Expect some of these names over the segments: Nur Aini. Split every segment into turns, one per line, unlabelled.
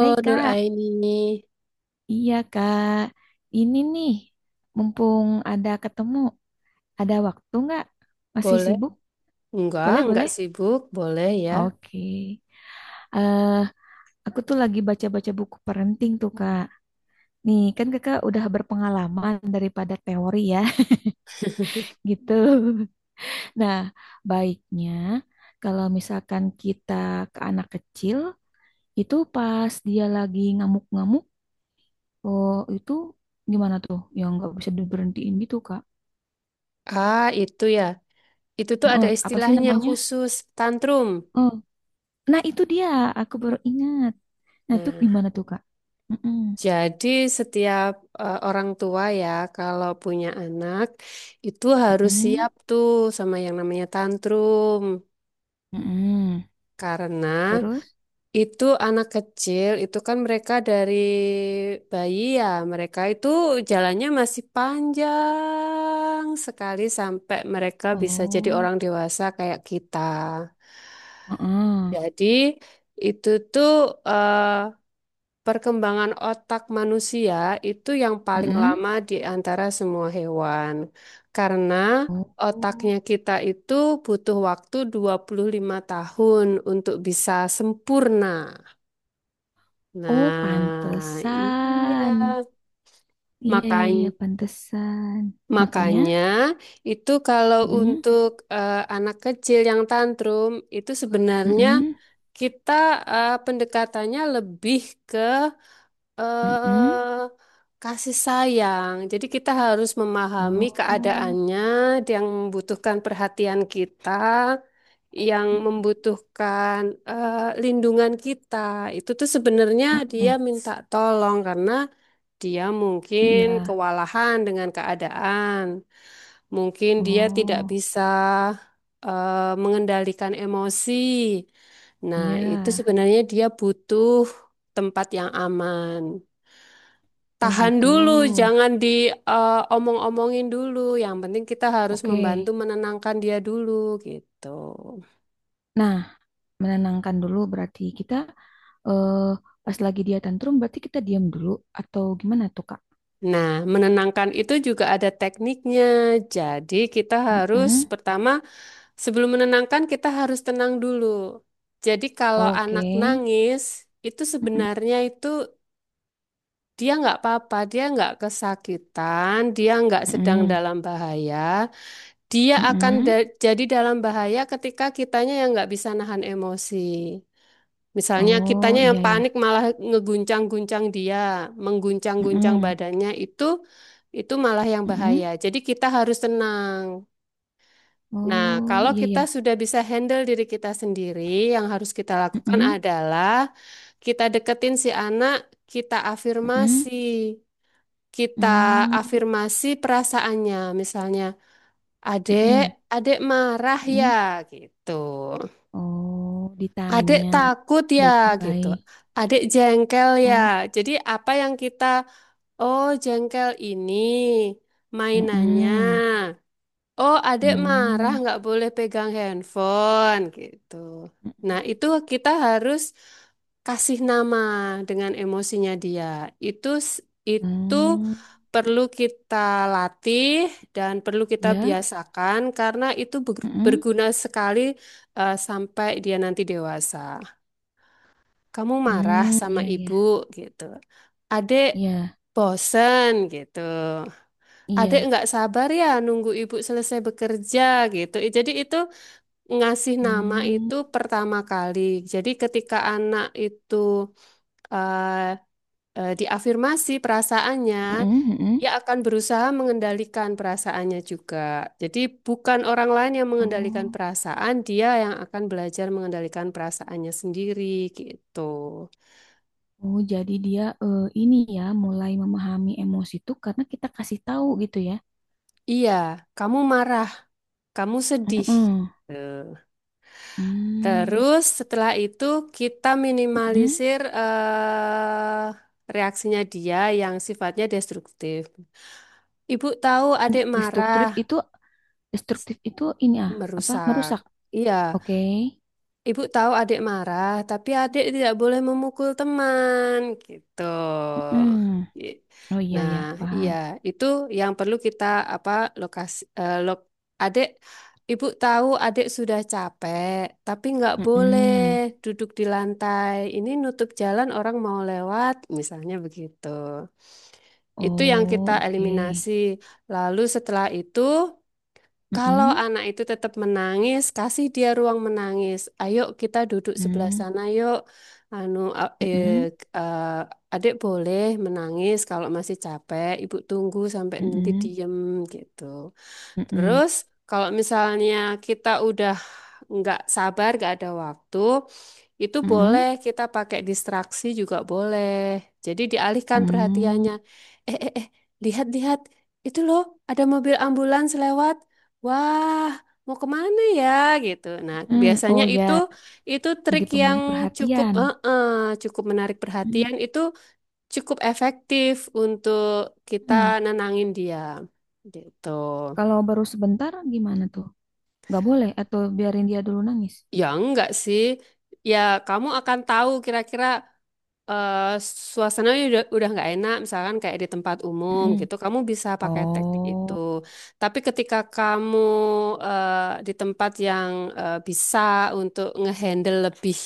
Hai
Nur
Kak,
Aini,
iya Kak, ini nih, mumpung ada ketemu, ada waktu nggak? Masih
boleh?
sibuk? Boleh,
Enggak
boleh.
sibuk, boleh ya.
Oke, eh aku tuh lagi baca-baca buku parenting tuh Kak. Nih, kan Kakak udah berpengalaman daripada teori ya, gitu. Nah, baiknya kalau misalkan kita ke anak kecil, itu pas dia lagi ngamuk-ngamuk, oh itu gimana tuh? Yang nggak bisa diberhentiin gitu Kak.
Ah, itu ya. Itu tuh
Heeh,
ada
apa sih
istilahnya
namanya?
khusus, tantrum.
Oh, nah, itu dia. Aku baru ingat. Nah, itu
Nah,
gimana tuh, Kak? Mm-mm.
jadi setiap orang tua ya, kalau punya anak itu harus
Mm-mm.
siap tuh sama yang namanya tantrum.
Mm-mm.
Karena
Terus?
itu anak kecil, itu kan mereka dari bayi ya, mereka itu jalannya masih panjang sekali sampai mereka bisa jadi
Oh.
orang dewasa kayak kita.
Heeh.
Jadi itu tuh, eh, perkembangan otak manusia itu yang paling
Mm-mm.
lama di antara semua hewan. Karena otaknya
Oh.
kita itu butuh waktu 25 tahun untuk bisa sempurna.
Oh,
Nah, iya.
pantesan. Iya, iya, iya,
Makanya,
pantesan. Makanya?
makanya itu kalau
Mm-mm.
untuk anak kecil yang tantrum itu sebenarnya
Mm-mm.
kita, pendekatannya lebih ke
Mm-mm.
eh, kasih sayang. Jadi kita harus memahami
Oh.
keadaannya yang membutuhkan perhatian kita, yang
Mm-mm.
membutuhkan eh, lindungan kita. Itu tuh sebenarnya dia
Mm-mm.
minta tolong karena dia mungkin
Iya.
kewalahan dengan keadaan, mungkin dia tidak
Oh.
bisa mengendalikan emosi. Nah,
Iya.
itu sebenarnya dia butuh tempat yang aman.
Oh,
Tahan
gitu.
dulu, jangan diomong-omongin dulu. Yang penting kita harus membantu
Oke.
menenangkan dia dulu, gitu.
Nah, menenangkan dulu berarti kita eh, pas lagi dia tantrum berarti kita diam dulu atau gimana tuh Kak?
Nah, menenangkan itu juga ada tekniknya. Jadi, kita harus
Mm-mm.
pertama. Sebelum menenangkan, kita harus tenang dulu. Jadi kalau
Oke.
anak nangis, itu
Mm-mm.
sebenarnya itu dia nggak apa-apa, dia nggak kesakitan, dia nggak sedang
Mm-mm.
dalam bahaya. Dia akan
Mm-mm.
jadi dalam bahaya ketika kitanya yang nggak bisa nahan emosi. Misalnya
Oh
kitanya yang
iya
panik
ya.
malah ngeguncang-guncang dia, mengguncang-guncang
Mm-mm.
badannya itu malah yang bahaya.
Mm-mm.
Jadi kita harus tenang. Nah,
Oh
kalau
iya
kita
ya.
sudah bisa handle diri kita sendiri, yang harus kita lakukan
Mm-mm.
adalah kita deketin si anak, kita
Mm-mm.
afirmasi. Kita
Mm.
afirmasi perasaannya, misalnya, adek,
Mm-mm.
adek marah ya,
Mm-mm.
gitu.
Oh,
Adek
ditanya
takut ya, gitu.
baik-baik.
Adek jengkel ya.
Oh.
Jadi apa yang kita, oh jengkel ini mainannya.
Mm-mm.
Oh, adik marah
Mm.
nggak boleh pegang handphone gitu. Nah, itu
Mm-mm.
kita harus kasih nama dengan emosinya dia. Itu s- itu
Mm.
perlu kita latih dan perlu kita
Ya.
biasakan karena itu
Mm-mm.
berguna sekali sampai dia nanti dewasa. Kamu marah
Hmm,
sama
iya iya.
ibu gitu. Adik
Iya,
bosen gitu. Adek
iya.
nggak sabar ya nunggu ibu selesai bekerja gitu. Jadi itu ngasih nama
Hmm,
itu pertama kali. Jadi ketika anak itu eh, diafirmasi perasaannya,
mm-mm, mm-mm.
dia akan berusaha mengendalikan perasaannya juga. Jadi bukan orang lain yang mengendalikan
Oh,
perasaan, dia yang akan belajar mengendalikan perasaannya sendiri gitu.
oh jadi dia ini ya mulai memahami emosi itu karena kita kasih tahu gitu ya.
Iya, kamu marah, kamu sedih.
Mm-mm.
Gitu.
Hmm,
Terus setelah itu kita
mm-mm.
minimalisir reaksinya dia yang sifatnya destruktif. Ibu tahu adik
Destruktif
marah,
itu destruktif itu ini ah, apa
merusak.
merusak.
Iya.
Oke.
Ibu tahu adik marah, tapi adik tidak boleh memukul teman, gitu.
Mm-mm.
I-
Oh iya
Nah,
ya,
iya,
paham.
itu yang perlu kita apa, lokasi adik, ibu tahu adik sudah capek, tapi nggak boleh
Mm-mm.
duduk di lantai. Ini nutup jalan orang mau lewat, misalnya begitu. Itu yang kita
Oh, oke.
eliminasi. Lalu setelah itu kalau
Mm-mm.
anak itu tetap menangis, kasih dia ruang menangis. Ayo kita duduk sebelah
Mm,
sana yuk. Anu, a-
mm-mm,
eh, eh, Adik boleh menangis kalau masih capek. Ibu tunggu sampai nanti
mm-mm,
diem, gitu.
mm-mm,
Terus kalau misalnya kita udah nggak sabar, nggak ada waktu, itu
mm-mm,
boleh, kita pakai distraksi juga boleh. Jadi dialihkan
mm-mm.
perhatiannya. Eh, eh, eh, lihat, lihat. Itu loh, ada mobil ambulans lewat. Wah, mau kemana ya gitu. Nah,
Hmm,
biasanya
oh
itu
ya,
itu
jadi
trik yang
pengalih
cukup
perhatian.
cukup menarik
Hmm.
perhatian. Itu cukup efektif untuk kita
Hmm.
nenangin dia. Gitu.
Kalau baru sebentar gimana tuh? Nggak boleh atau biarin dia dulu nangis?
Ya enggak sih. Ya, kamu akan tahu kira-kira eh suasana udah nggak enak misalkan kayak di tempat umum
Mm-mm.
gitu, kamu bisa pakai teknik itu,
Oh,
tapi ketika kamu di tempat yang bisa untuk ngehandle lebih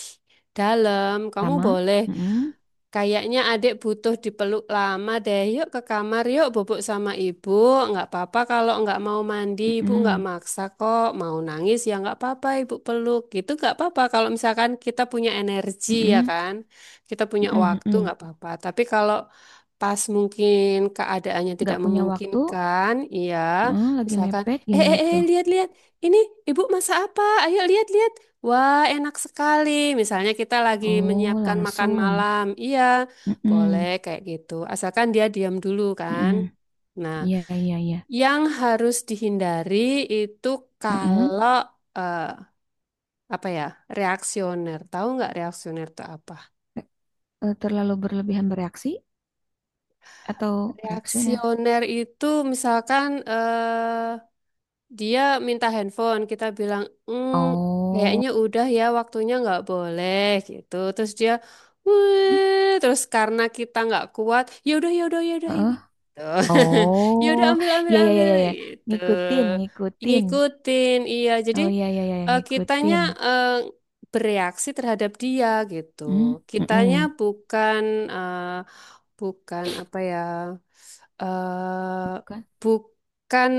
dalam, kamu
lama?
boleh.
Mm-mm.
Kayaknya adik butuh dipeluk lama deh. Yuk ke kamar, yuk bubuk sama ibu. Nggak apa-apa kalau nggak mau mandi, ibu nggak
Mm-mm.
maksa kok. Mau nangis ya nggak apa-apa, ibu peluk. Gitu nggak apa-apa kalau misalkan kita punya energi ya
Mm-mm.
kan. Kita punya
Mm-mm.
waktu
Mm-mm.
nggak apa-apa. Tapi kalau pas mungkin keadaannya
Nggak
tidak
punya waktu?
memungkinkan, iya.
Mm, lagi
Misalkan,
mepet gimana tuh?
lihat-lihat. Ini ibu masak apa? Ayo lihat-lihat. Wah, enak sekali. Misalnya kita lagi
Oh,
menyiapkan makan
langsung.
malam. Iya, boleh
Mm-mm.
kayak gitu. Asalkan dia diam dulu kan.
Mm-mm.
Nah,
Iya, iya, iya.
yang harus dihindari itu
Mm-mm.
kalau eh, apa ya? Reaksioner. Tahu nggak reaksioner itu apa?
Terlalu berlebihan bereaksi atau reaksioner?
Reaksioner itu misalkan dia minta handphone, kita bilang, "Mm,
Oh.
kayaknya udah ya waktunya, nggak boleh," gitu. Terus dia,
Mm.
wih, terus karena kita nggak kuat, ya udah ya udah ya udah
Eh,
ini, tuh, ya udah
oh,
ambil ambil
ya ya ya
ambil
ya ya.
gitu,
Ngikutin, ngikutin.
ngikutin, iya. Jadi
Oh ya ya ya ya,
kitanya
ngikutin.
eh, bereaksi terhadap dia gitu.
Hmm,
Kitanya
mm-mm.
bukan eh, bukan apa ya? eh
Bukan.
bukan,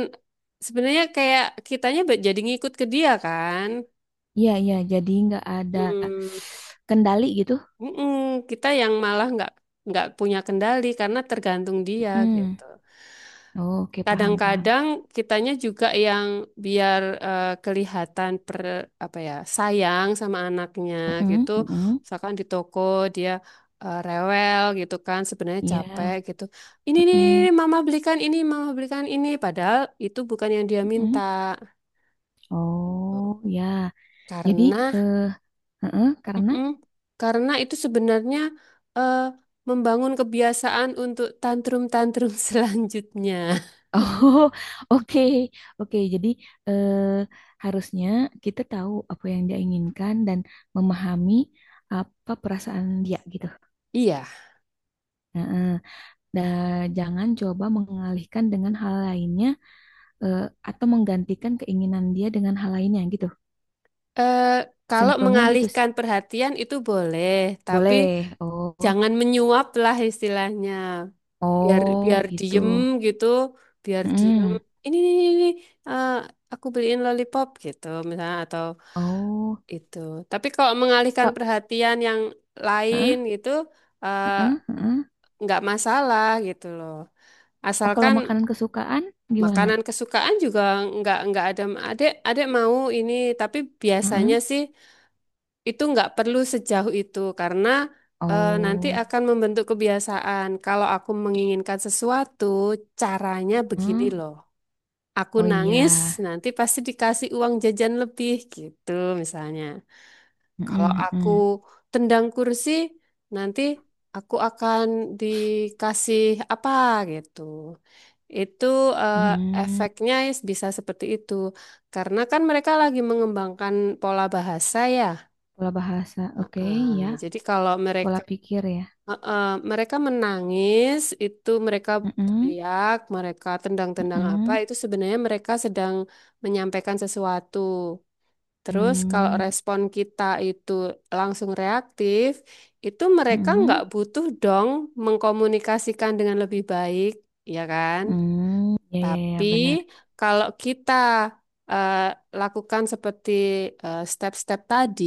sebenarnya kayak kitanya jadi ngikut ke dia kan.
Iya iya, jadi nggak ada
Hmm,
kendali gitu.
mm-mm, kita yang malah nggak punya kendali karena tergantung dia
Mm.
gitu.
Oh, oke paham paham.
Kadang-kadang kitanya juga yang biar kelihatan per, apa ya, sayang sama anaknya
Mm-mm,
gitu,
mm-mm.
misalkan di toko dia rewel gitu kan, sebenarnya capek
Iya.
gitu. Ini nih,
Mm-mm,
mama belikan ini, padahal itu bukan yang dia minta.
mm-mm. Oh ya, jadi
Karena,
eh heeh, karena
mm-mm, karena itu sebenarnya eh, membangun kebiasaan untuk tantrum-tantrum selanjutnya.
oh, oke, oke. Jadi eh, harusnya kita tahu apa yang dia inginkan dan memahami apa perasaan dia gitu.
Iya.
Nah, jangan coba mengalihkan dengan hal lainnya eh, atau menggantikan keinginan dia dengan hal lainnya gitu.
Eh, kalau
Simpelnya gitu.
mengalihkan perhatian itu boleh, tapi
Boleh. Oh,
jangan menyuap lah istilahnya. Biar
oh
biar
gitu.
diem gitu, biar diem.
Mm.
Ini, eh, aku beliin lollipop gitu misalnya atau
Oh,
itu. Tapi kalau mengalihkan
kak.
perhatian yang lain
Heeh,
gitu, eh,
heeh, heeh.
nggak masalah gitu loh.
Oh, kalau
Asalkan
makanan kesukaan gimana?
makanan kesukaan juga nggak ada. Adek adek mau ini, tapi biasanya
Heeh.
sih, itu nggak perlu sejauh itu karena nanti
Oh.
akan membentuk kebiasaan. Kalau aku menginginkan sesuatu, caranya begini
Heeh.
loh. Aku
Oh iya,
nangis, nanti pasti dikasih uang jajan lebih gitu misalnya. Kalau
mm-mm,
aku
mm-mm.
tendang kursi, nanti aku akan dikasih apa gitu. Itu eh,
Mm.
efeknya bisa seperti itu. Karena kan mereka lagi mengembangkan pola bahasa ya.
Pola bahasa, oke
Ah,
ya,
jadi kalau
pola
mereka
pikir ya,
eh, eh, mereka menangis itu mereka
mm-mm,
teriak, mereka tendang-tendang apa,
mm-mm,
itu sebenarnya mereka sedang menyampaikan sesuatu. Terus kalau
mm,
respon kita itu langsung reaktif, itu mereka nggak
mm-mm,
butuh dong mengkomunikasikan dengan lebih baik, ya kan?
mm. Ya ya ya
Tapi
benar,
kalau kita eh, lakukan seperti step-step tadi,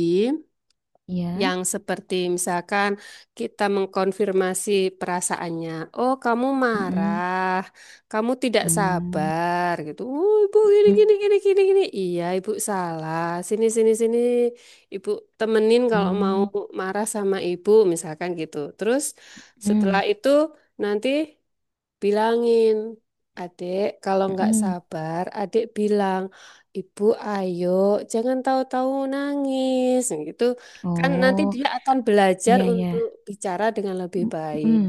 ya,
yang seperti misalkan kita mengkonfirmasi perasaannya. Oh, kamu
mm-mm,
marah. Kamu tidak
mm,
sabar gitu. Oh, ibu gini
mm,
gini gini gini gini. Iya, ibu salah. Sini sini sini. Ibu temenin kalau mau
mm,
marah sama ibu misalkan gitu. Terus setelah
mm,
itu nanti bilangin, adik, kalau nggak
mm.
sabar, adik bilang, ibu ayo, jangan tahu-tahu nangis, gitu. Kan nanti
Oh
dia akan belajar
iya ya,
untuk bicara dengan lebih baik.
mm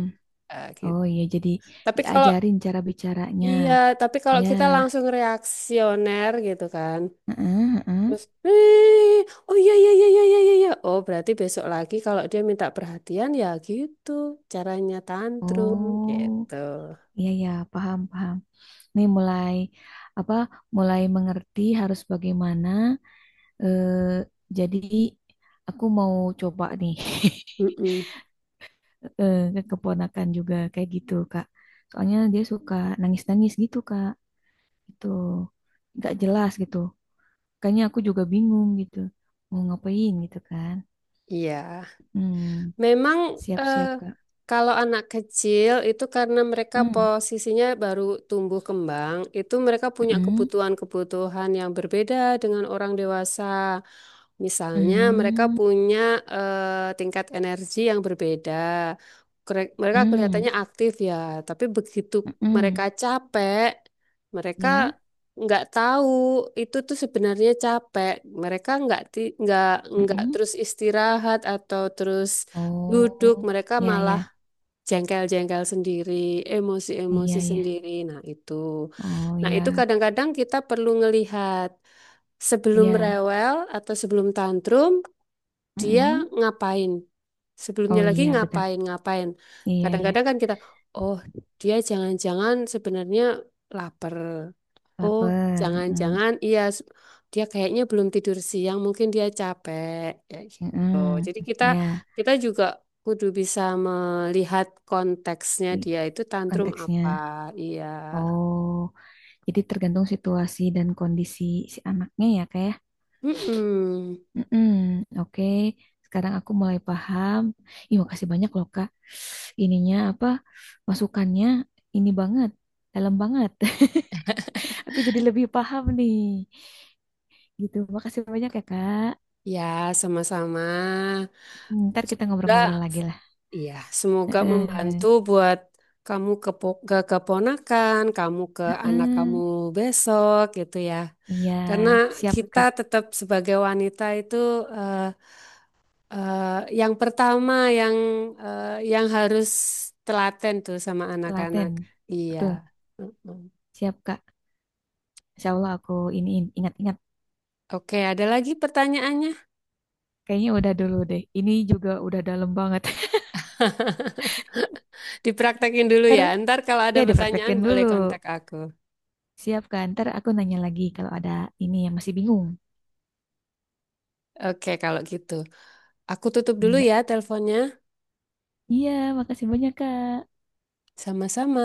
Ah,
oh
gitu.
iya jadi
Tapi kalau,
diajarin cara bicaranya,
iya, tapi kalau
ya,
kita langsung reaksioner gitu kan,
mm-mm,
terus, "Eh, oh iya, iya, iya, iya, iya, iya, iya," oh berarti besok lagi kalau dia minta perhatian ya gitu, caranya tantrum,
oh
gitu.
iya ya paham paham. Nih mulai apa mulai mengerti harus bagaimana eh, jadi aku mau coba nih
Mm-mm.
ke keponakan juga kayak gitu Kak, soalnya dia suka nangis-nangis gitu Kak, itu nggak jelas gitu, kayaknya aku juga bingung gitu mau ngapain gitu kan.
Iya.
Hmm,
Memang eh,
siap-siap Kak.
kalau anak kecil itu karena mereka
Hmm.
posisinya baru tumbuh kembang, itu mereka punya
Hmm.
kebutuhan-kebutuhan yang berbeda dengan orang dewasa. Misalnya mereka
Hmm.
punya tingkat energi yang berbeda. Mereka
Hmm,
kelihatannya aktif ya, tapi begitu
hmm. Hmm.
mereka capek, mereka
Ya.
nggak tahu itu tuh sebenarnya capek. Mereka nggak
Hmm.
nggak
Hmm.
terus istirahat atau terus duduk,
Oh
mereka
ya
malah
ya
jengkel-jengkel sendiri,
iya
emosi-emosi
ya.
sendiri. Nah, itu.
Oh
Nah, itu
ya,
kadang-kadang kita perlu ngelihat sebelum
ya.
rewel atau sebelum tantrum, dia
Mm-mm.
ngapain. Sebelumnya
Oh
lagi
iya benar.
ngapain, ngapain.
Iya ya.
Kadang-kadang kan kita, oh, dia jangan-jangan sebenarnya lapar. Oh,
Laper. Mm.
jangan-jangan iya dia kayaknya belum tidur siang, mungkin dia capek. Ya gitu.
Mm-mm.
Jadi kita,
Ya,
kita juga kudu bisa melihat konteksnya
i-
dia itu tantrum apa.
konteksnya.
Iya.
Oh, jadi tergantung situasi dan kondisi si anaknya ya kayak.
Mm-mm.
Mm-mm. Oke. Sekarang aku mulai paham. Ih, makasih banyak loh Kak. Ininya apa? Masukannya ini banget. Dalam banget. Aku jadi lebih paham nih. Gitu. Makasih banyak ya Kak.
Ya, sama-sama.
Ntar kita
Semoga
ngobrol-ngobrol lagi lah.
iya, semoga membantu
Heeh.
buat kamu ke, ke keponakan, kamu ke anak kamu
Heeh.
besok gitu ya.
Iya,
Karena
siap
kita
Kak.
tetap sebagai wanita itu eh, Eh, yang pertama yang yang harus telaten tuh sama anak-anak.
Telaten.
Iya.
Betul,
Mm-mm.
siap Kak. Insya Allah aku ini ingat-ingat.
Oke, ada lagi pertanyaannya?
Kayaknya udah dulu deh. Ini juga udah dalam banget.
Dipraktekin dulu
Ntar
ya. Ntar kalau ada
ya
pertanyaan
dipraktekin
boleh
dulu.
kontak aku.
Siap Kak. Ntar aku nanya lagi kalau ada ini yang masih bingung.
Oke, kalau gitu. Aku tutup dulu
Iya.
ya teleponnya.
Iya, makasih banyak Kak.
Sama-sama.